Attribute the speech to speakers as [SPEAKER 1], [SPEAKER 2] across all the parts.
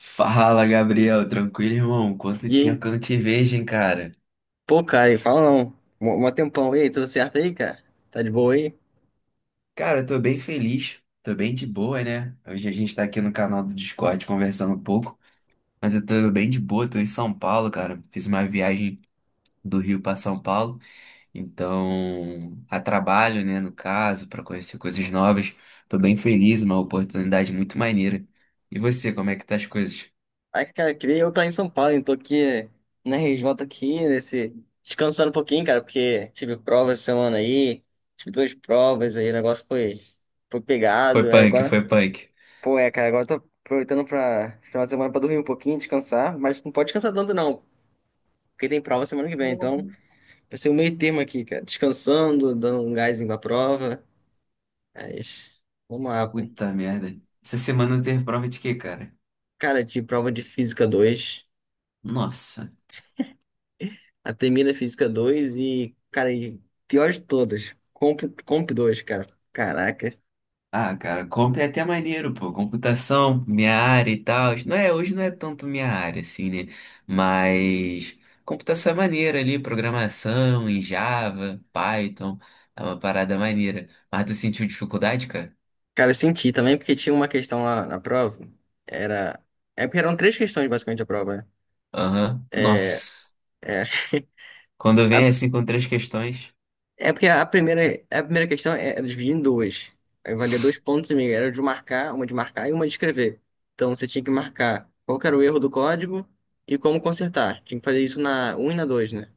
[SPEAKER 1] Fala, Gabriel. Tranquilo, irmão? Quanto
[SPEAKER 2] E
[SPEAKER 1] tempo
[SPEAKER 2] aí,
[SPEAKER 1] que eu não te vejo, hein, cara?
[SPEAKER 2] pô, cara, e fala não. Mó mó tempão. E aí, tudo certo aí, cara? Tá de boa aí?
[SPEAKER 1] Cara, eu tô bem feliz. Tô bem de boa, né? Hoje a gente tá aqui no canal do Discord conversando um pouco. Mas eu tô bem de boa. Tô em São Paulo, cara. Fiz uma viagem do Rio pra São Paulo. Então, a trabalho, né, no caso, pra conhecer coisas novas. Tô bem feliz, uma oportunidade muito maneira. E você, como é que tá as coisas?
[SPEAKER 2] Ai, cara, queria eu estar em São Paulo, então tô aqui na RJ aqui, nesse... Descansando um pouquinho, cara, porque tive prova essa semana aí. Tive duas provas aí, foi pegado.
[SPEAKER 1] Foi
[SPEAKER 2] Aí
[SPEAKER 1] punk,
[SPEAKER 2] agora,
[SPEAKER 1] foi punk.
[SPEAKER 2] pô, é, cara, agora eu tô aproveitando pra esse final de semana pra dormir um pouquinho, descansar. Mas não pode descansar tanto não, porque tem prova semana que vem. Então, vai ser o meio termo aqui, cara. Descansando, dando um gásinho pra prova. Mas, vamos lá, pô.
[SPEAKER 1] Puta merda. Essa semana eu teve prova de quê, cara?
[SPEAKER 2] Cara, de prova de Física 2,
[SPEAKER 1] Nossa.
[SPEAKER 2] A termina Física 2 e, cara, e pior de todas, Comp 2, cara. Caraca.
[SPEAKER 1] Ah, cara, comp é até maneiro, pô. Computação, minha área e tal. Não é, hoje não é tanto minha área, assim, né? Mas computação é maneira ali, programação em Java, Python, é uma parada maneira. Mas tu sentiu dificuldade, cara?
[SPEAKER 2] Cara, eu senti também porque tinha uma questão lá na prova. Era. É porque eram três questões basicamente a prova, né?
[SPEAKER 1] Aham. Nossa.
[SPEAKER 2] É,
[SPEAKER 1] Quando
[SPEAKER 2] a-
[SPEAKER 1] vem assim com três questões.
[SPEAKER 2] é porque a primeira questão era dividida em duas. Aí valia dois pontos e meio. Era de marcar, uma de marcar e uma de escrever. Então você tinha que marcar qual que era o erro do código e como consertar. Tinha que fazer isso na um e na 2, né?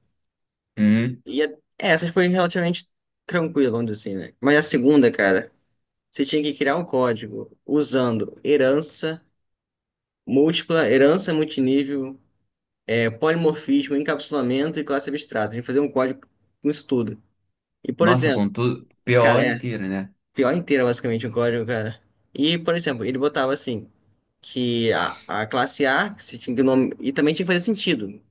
[SPEAKER 1] Uhum.
[SPEAKER 2] E a- é, essas foi relativamente tranquila, vamos dizer assim, né? Mas a segunda, cara, você tinha que criar um código usando herança múltipla, herança multinível, polimorfismo, encapsulamento e classe abstrata. A gente fazia um código com isso tudo. E, por
[SPEAKER 1] Nossa,
[SPEAKER 2] exemplo,
[SPEAKER 1] com tudo. PO
[SPEAKER 2] cara, é
[SPEAKER 1] inteiro, né?
[SPEAKER 2] pior inteira basicamente o código, cara. E, por exemplo, ele botava assim, que a classe A, que você tinha que nome... e também tinha que fazer sentido.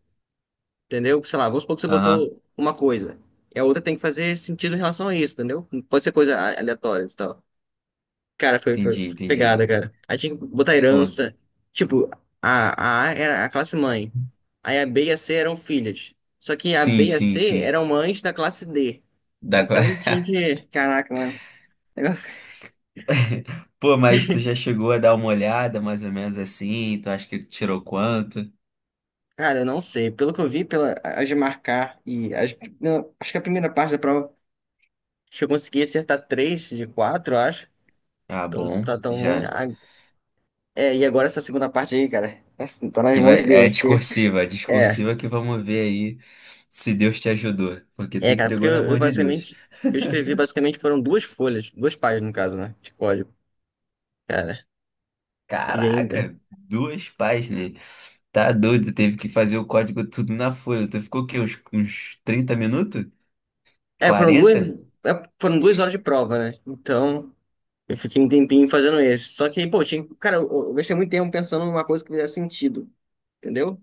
[SPEAKER 2] Entendeu? Sei lá, vamos supor que você
[SPEAKER 1] Aham.
[SPEAKER 2] botou uma coisa. E a outra tem que fazer sentido em relação a isso, entendeu? Não pode ser coisa aleatória e tal. Cara, foi
[SPEAKER 1] Entendi, entendi.
[SPEAKER 2] pegada, cara. Aí tinha que botar
[SPEAKER 1] Pô,
[SPEAKER 2] herança. Tipo, a A era a classe mãe. Aí a B e a C eram filhas. Só que a B
[SPEAKER 1] sim,
[SPEAKER 2] e a
[SPEAKER 1] sim,
[SPEAKER 2] C
[SPEAKER 1] sim.
[SPEAKER 2] eram mães da classe D.
[SPEAKER 1] Dá,
[SPEAKER 2] Então
[SPEAKER 1] cla-
[SPEAKER 2] tinha que. Caraca, mano. Negócio-
[SPEAKER 1] Pô, mas tu já chegou a dar uma olhada, mais ou menos assim? Tu acha que tirou quanto?
[SPEAKER 2] Cara, eu não sei. Pelo que eu vi, as de marcar e as, não, acho que a primeira parte da prova, acho que eu consegui acertar três de quatro, acho.
[SPEAKER 1] Ah,
[SPEAKER 2] Então
[SPEAKER 1] bom,
[SPEAKER 2] tá tão ruim.
[SPEAKER 1] já.
[SPEAKER 2] Ah, é, e agora essa segunda parte aí, cara, tá nas
[SPEAKER 1] Que
[SPEAKER 2] mãos de
[SPEAKER 1] vai...
[SPEAKER 2] Deus.
[SPEAKER 1] é
[SPEAKER 2] É,
[SPEAKER 1] discursiva que vamos ver aí se Deus te ajudou. Porque tu
[SPEAKER 2] é, cara, porque
[SPEAKER 1] entregou na
[SPEAKER 2] eu
[SPEAKER 1] mão de Deus.
[SPEAKER 2] basicamente, o que eu escrevi basicamente foram duas folhas, duas páginas no caso, né, de código, cara, e ainda.
[SPEAKER 1] Caraca, duas páginas. Tá doido, teve que fazer o código tudo na folha. Tu ficou o quê? Uns 30 minutos?
[SPEAKER 2] É, foram duas,
[SPEAKER 1] Quarenta?
[SPEAKER 2] é, foram duas horas de prova, né, então eu fiquei um tempinho fazendo esse. Só que, pô, tinha, cara, eu gastei muito tempo pensando numa coisa que fizesse sentido, entendeu?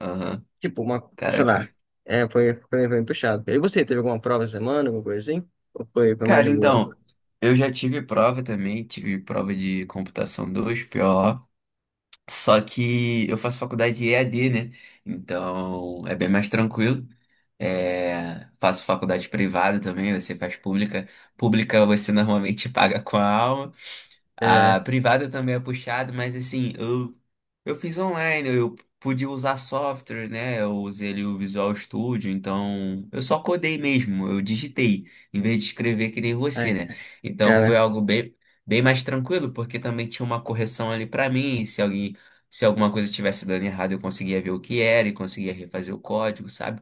[SPEAKER 1] Aham.
[SPEAKER 2] Tipo, uma, sei lá,
[SPEAKER 1] Caraca.
[SPEAKER 2] foi puxado. E você, teve alguma prova essa semana, alguma coisa assim? Ou foi mais
[SPEAKER 1] Cara,
[SPEAKER 2] de boa?
[SPEAKER 1] então, eu já tive prova também, tive prova de computação 2, PO. Só que eu faço faculdade de EAD, né? Então é bem mais tranquilo. É, faço faculdade privada também, você faz pública. Pública você normalmente paga com a alma.
[SPEAKER 2] É,
[SPEAKER 1] A privada também é puxada, mas assim, eu fiz online, eu pude usar software, né? Eu usei ali o Visual Studio, então eu só codei mesmo, eu digitei, em vez de escrever que nem você,
[SPEAKER 2] ai,
[SPEAKER 1] né? Então
[SPEAKER 2] cara,
[SPEAKER 1] foi algo bem, bem mais tranquilo, porque também tinha uma correção ali pra mim, se alguém, se alguma coisa estivesse dando errado, eu conseguia ver o que era e conseguia refazer o código, sabe?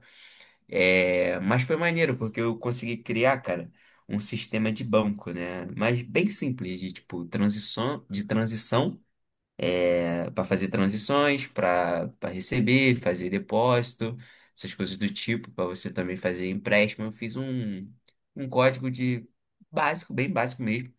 [SPEAKER 1] É, mas foi maneiro, porque eu consegui criar, cara, um sistema de banco, né? Mas bem simples, de tipo, transição, de transição, é, para fazer transições, para receber, fazer depósito, essas coisas do tipo, para você também fazer empréstimo. Eu fiz um código de básico, bem básico mesmo,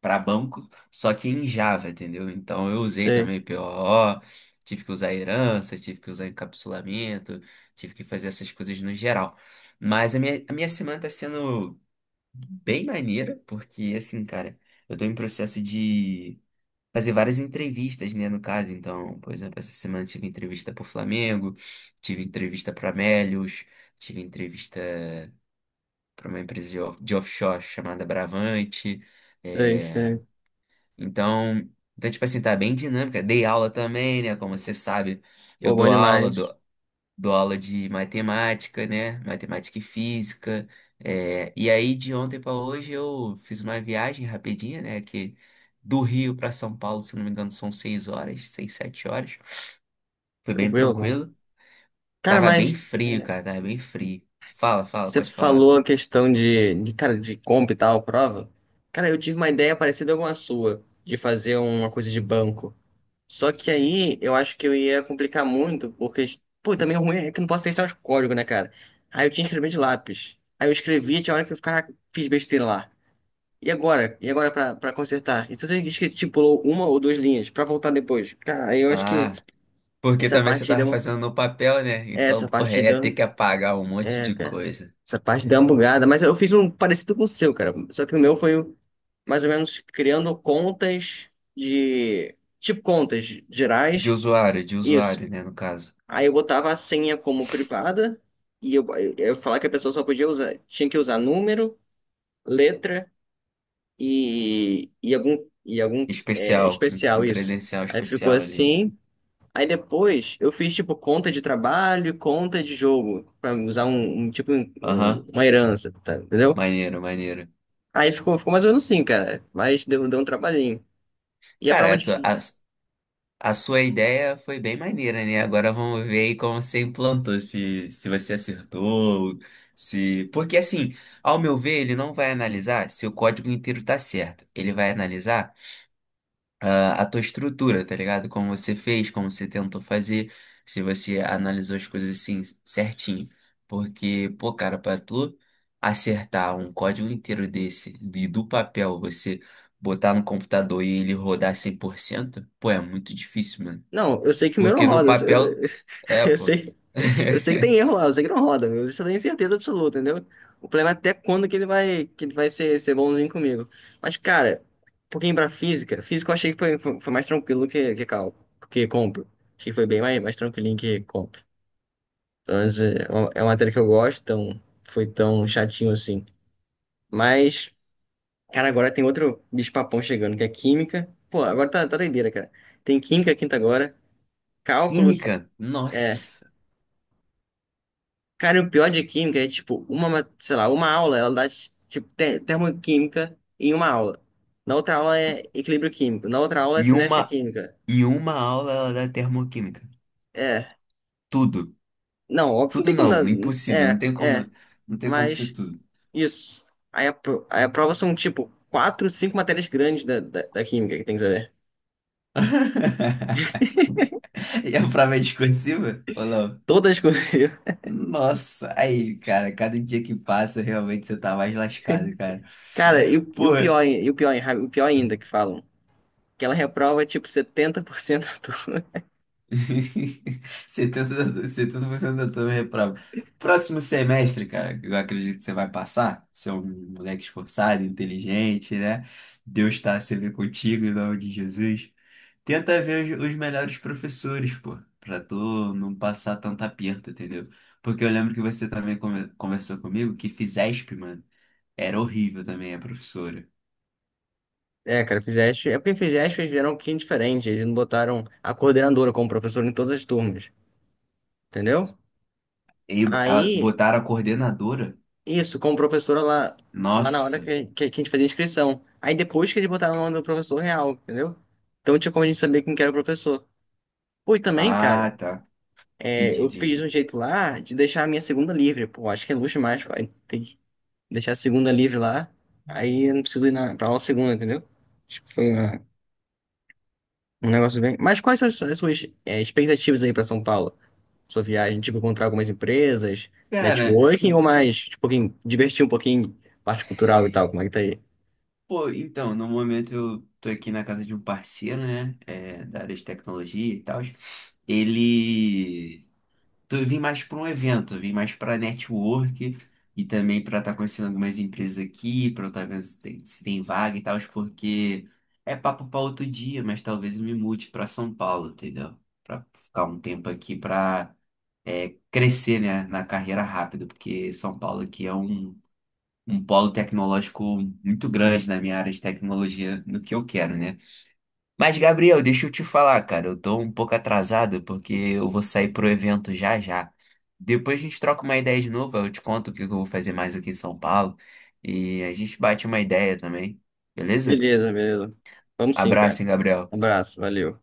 [SPEAKER 1] para banco, só que em Java, entendeu? Então eu usei
[SPEAKER 2] sei,
[SPEAKER 1] também POO, tive que usar herança, tive que usar encapsulamento, tive que fazer essas coisas no geral. Mas a minha semana tá sendo bem maneira, porque assim, cara, eu tô em processo de fazer várias entrevistas, né, no caso. Então, por exemplo, essa semana eu tive entrevista pro Flamengo, tive entrevista para Amélios, tive entrevista para uma empresa de, off- de offshore chamada Bravante.
[SPEAKER 2] sei,
[SPEAKER 1] eh,
[SPEAKER 2] sei.
[SPEAKER 1] então, então, tipo assim, tá bem dinâmica. Dei aula também, né? Como você sabe, eu
[SPEAKER 2] Pô, bom
[SPEAKER 1] dou aula, dou,
[SPEAKER 2] demais.
[SPEAKER 1] dou aula de matemática, né? Matemática e física. É, e aí, de ontem pra hoje, eu fiz uma viagem rapidinha, né? Que do Rio pra São Paulo, se não me engano, são seis horas, seis, sete horas. Foi bem
[SPEAKER 2] Tranquilo, bom.
[SPEAKER 1] tranquilo.
[SPEAKER 2] Cara,
[SPEAKER 1] Tava bem
[SPEAKER 2] mas
[SPEAKER 1] frio, cara,
[SPEAKER 2] é,
[SPEAKER 1] tava bem frio. Fala, fala,
[SPEAKER 2] você
[SPEAKER 1] pode falar.
[SPEAKER 2] falou a questão cara, de comp e tal, prova. Cara, eu tive uma ideia parecida com a sua, de fazer uma coisa de banco. Só que aí eu acho que eu ia complicar muito, porque, pô, também o ruim é que eu não posso testar os códigos, né, cara? Aí eu tinha que escrever de lápis. Aí eu escrevi, tinha hora que eu ficava, fiz besteira lá. E agora? E agora pra consertar? E se você que estipulou uma ou duas linhas pra voltar depois? Cara, aí eu acho que
[SPEAKER 1] Ah, porque
[SPEAKER 2] essa
[SPEAKER 1] também você
[SPEAKER 2] parte deu
[SPEAKER 1] tava
[SPEAKER 2] uma.
[SPEAKER 1] fazendo no papel, né? Então,
[SPEAKER 2] Essa
[SPEAKER 1] porra, ia ter
[SPEAKER 2] partida.
[SPEAKER 1] que apagar um monte
[SPEAKER 2] É,
[SPEAKER 1] de
[SPEAKER 2] cara.
[SPEAKER 1] coisa.
[SPEAKER 2] Essa parte deu uma bugada, mas eu fiz um parecido com o seu, cara. Só que o meu foi mais ou menos criando contas de. Tipo, contas gerais.
[SPEAKER 1] De
[SPEAKER 2] Isso.
[SPEAKER 1] usuário, né, no caso.
[SPEAKER 2] Aí eu botava a senha como privada e eu falava que a pessoa só podia usar. Tinha que usar número, letra e algum
[SPEAKER 1] Especial, um
[SPEAKER 2] especial,
[SPEAKER 1] um
[SPEAKER 2] isso.
[SPEAKER 1] credencial
[SPEAKER 2] Aí ficou
[SPEAKER 1] especial ali.
[SPEAKER 2] assim. Aí depois eu fiz tipo conta de trabalho, e conta de jogo, pra usar
[SPEAKER 1] Aham.
[SPEAKER 2] uma herança, tá? Entendeu?
[SPEAKER 1] Maneiro, maneiro.
[SPEAKER 2] Aí ficou mais ou menos assim, cara. Mas deu um trabalhinho. E a
[SPEAKER 1] Cara,
[SPEAKER 2] prova
[SPEAKER 1] a, tua-
[SPEAKER 2] de.
[SPEAKER 1] a sua ideia foi bem maneira, né? Agora vamos ver aí como você implantou, se você acertou, se... Porque assim, ao meu ver, ele não vai analisar se o código inteiro tá certo. Ele vai analisar ah, a tua estrutura, tá ligado? Como você fez, como você tentou fazer, se você analisou as coisas assim certinho. Porque, pô, cara, pra tu acertar um código inteiro desse, de, do papel, você botar no computador e ele rodar 100% pô, é muito difícil, mano.
[SPEAKER 2] Não, eu sei que o meu não
[SPEAKER 1] Porque no
[SPEAKER 2] roda. Eu, sei,
[SPEAKER 1] papel, é,
[SPEAKER 2] eu
[SPEAKER 1] pô.
[SPEAKER 2] sei eu sei que tem erro lá, eu sei que não roda. Eu isso eu tenho certeza absoluta, entendeu? O problema é até quando que que ele vai ser bonzinho comigo. Mas, cara, um pouquinho pra física. Física eu achei que foi mais tranquilo que cálculo, que compro. Achei que foi mais tranquilinho que compro. Então, é uma matéria que eu gosto, então foi tão chatinho assim. Mas. Cara, agora tem outro bicho-papão chegando, que é química. Pô, agora tá, tá doideira, cara. Tem química quinta agora, cálculos.
[SPEAKER 1] Química,
[SPEAKER 2] É.
[SPEAKER 1] nossa.
[SPEAKER 2] Cara, e o pior de química é, tipo, sei lá, uma aula, ela dá, tipo, termoquímica em uma aula. Na outra aula é equilíbrio químico. Na outra aula é
[SPEAKER 1] Em
[SPEAKER 2] cinética
[SPEAKER 1] uma,
[SPEAKER 2] química.
[SPEAKER 1] em uma aula ela dá termoquímica.
[SPEAKER 2] É.
[SPEAKER 1] Tudo.
[SPEAKER 2] Não, óbvio, não
[SPEAKER 1] Tudo
[SPEAKER 2] tem como dar.
[SPEAKER 1] não, impossível, não
[SPEAKER 2] É,
[SPEAKER 1] tem
[SPEAKER 2] é.
[SPEAKER 1] como, não tem como ser
[SPEAKER 2] Mas,
[SPEAKER 1] tudo.
[SPEAKER 2] isso. Aí a prova são, tipo, quatro, cinco matérias grandes da química que tem que saber.
[SPEAKER 1] E a prova é discursiva? Ou não?
[SPEAKER 2] Todas coisas.
[SPEAKER 1] Nossa, aí, cara, cada dia que passa, realmente você tá mais lascado, cara.
[SPEAKER 2] Cara, e
[SPEAKER 1] Pô,
[SPEAKER 2] o pior, o pior ainda que falam, que ela reprova tipo 70% da turma.
[SPEAKER 1] 70 da- 70% da turma reprova. Próximo semestre, cara, eu acredito que você vai passar. Você é um moleque esforçado, inteligente, né? Deus está sempre contigo em nome de Jesus. Tenta ver os melhores professores, pô, pra tu não passar tanto aperto, entendeu? Porque eu lembro que você também come- conversou comigo que Fisesp, mano, era horrível também a professora.
[SPEAKER 2] É, cara, Fizeste, é porque Fizeste eles vieram um pouquinho diferente, eles não botaram a coordenadora como professora em todas as turmas, entendeu?
[SPEAKER 1] E ela
[SPEAKER 2] Aí,
[SPEAKER 1] botaram a coordenadora.
[SPEAKER 2] isso, como professora lá, lá na hora
[SPEAKER 1] Nossa.
[SPEAKER 2] que a gente fazia a inscrição. Aí depois que eles botaram o nome do professor real, entendeu? Então tinha como a gente saber quem que era o professor. Pô, e também,
[SPEAKER 1] Ah,
[SPEAKER 2] cara,
[SPEAKER 1] tá.
[SPEAKER 2] é,
[SPEAKER 1] Entendi,
[SPEAKER 2] eu fiz um
[SPEAKER 1] entendi.
[SPEAKER 2] jeito lá de deixar a minha segunda livre, pô, acho que é luxo demais, pai. Deixar a segunda livre lá, aí eu não preciso ir pra aula segunda, entendeu? Acho que foi uma- um negócio bem. Mas quais são as suas expectativas aí pra São Paulo? Sua viagem, tipo, encontrar algumas empresas,
[SPEAKER 1] Cara,
[SPEAKER 2] networking ou
[SPEAKER 1] en-
[SPEAKER 2] mais, tipo, um pouquinho divertir um pouquinho, parte cultural e tal, como é que tá aí?
[SPEAKER 1] pô, então, no momento eu tô aqui na casa de um parceiro, né? É, da área de tecnologia e tal. Ele. Tô, eu vim mais pra um evento, eu vim mais pra network e também pra estar conhecendo algumas empresas aqui, pra eu estar vendo se tem, se tem vaga e tal, porque é papo pra outro dia, mas talvez eu me mude pra São Paulo, entendeu? Pra ficar um tempo aqui pra é, crescer, né, na carreira rápido, porque São Paulo aqui é um. Um polo tecnológico muito grande na minha área de tecnologia, no que eu quero, né? Mas, Gabriel, deixa eu te falar, cara, eu tô um pouco atrasado porque eu vou sair pro evento já já. Depois a gente troca uma ideia de novo, eu te conto o que eu vou fazer mais aqui em São Paulo e a gente bate uma ideia também, beleza?
[SPEAKER 2] Beleza, beleza. Vamos sim, cara.
[SPEAKER 1] Abraço, hein, Gabriel.
[SPEAKER 2] Um abraço, valeu.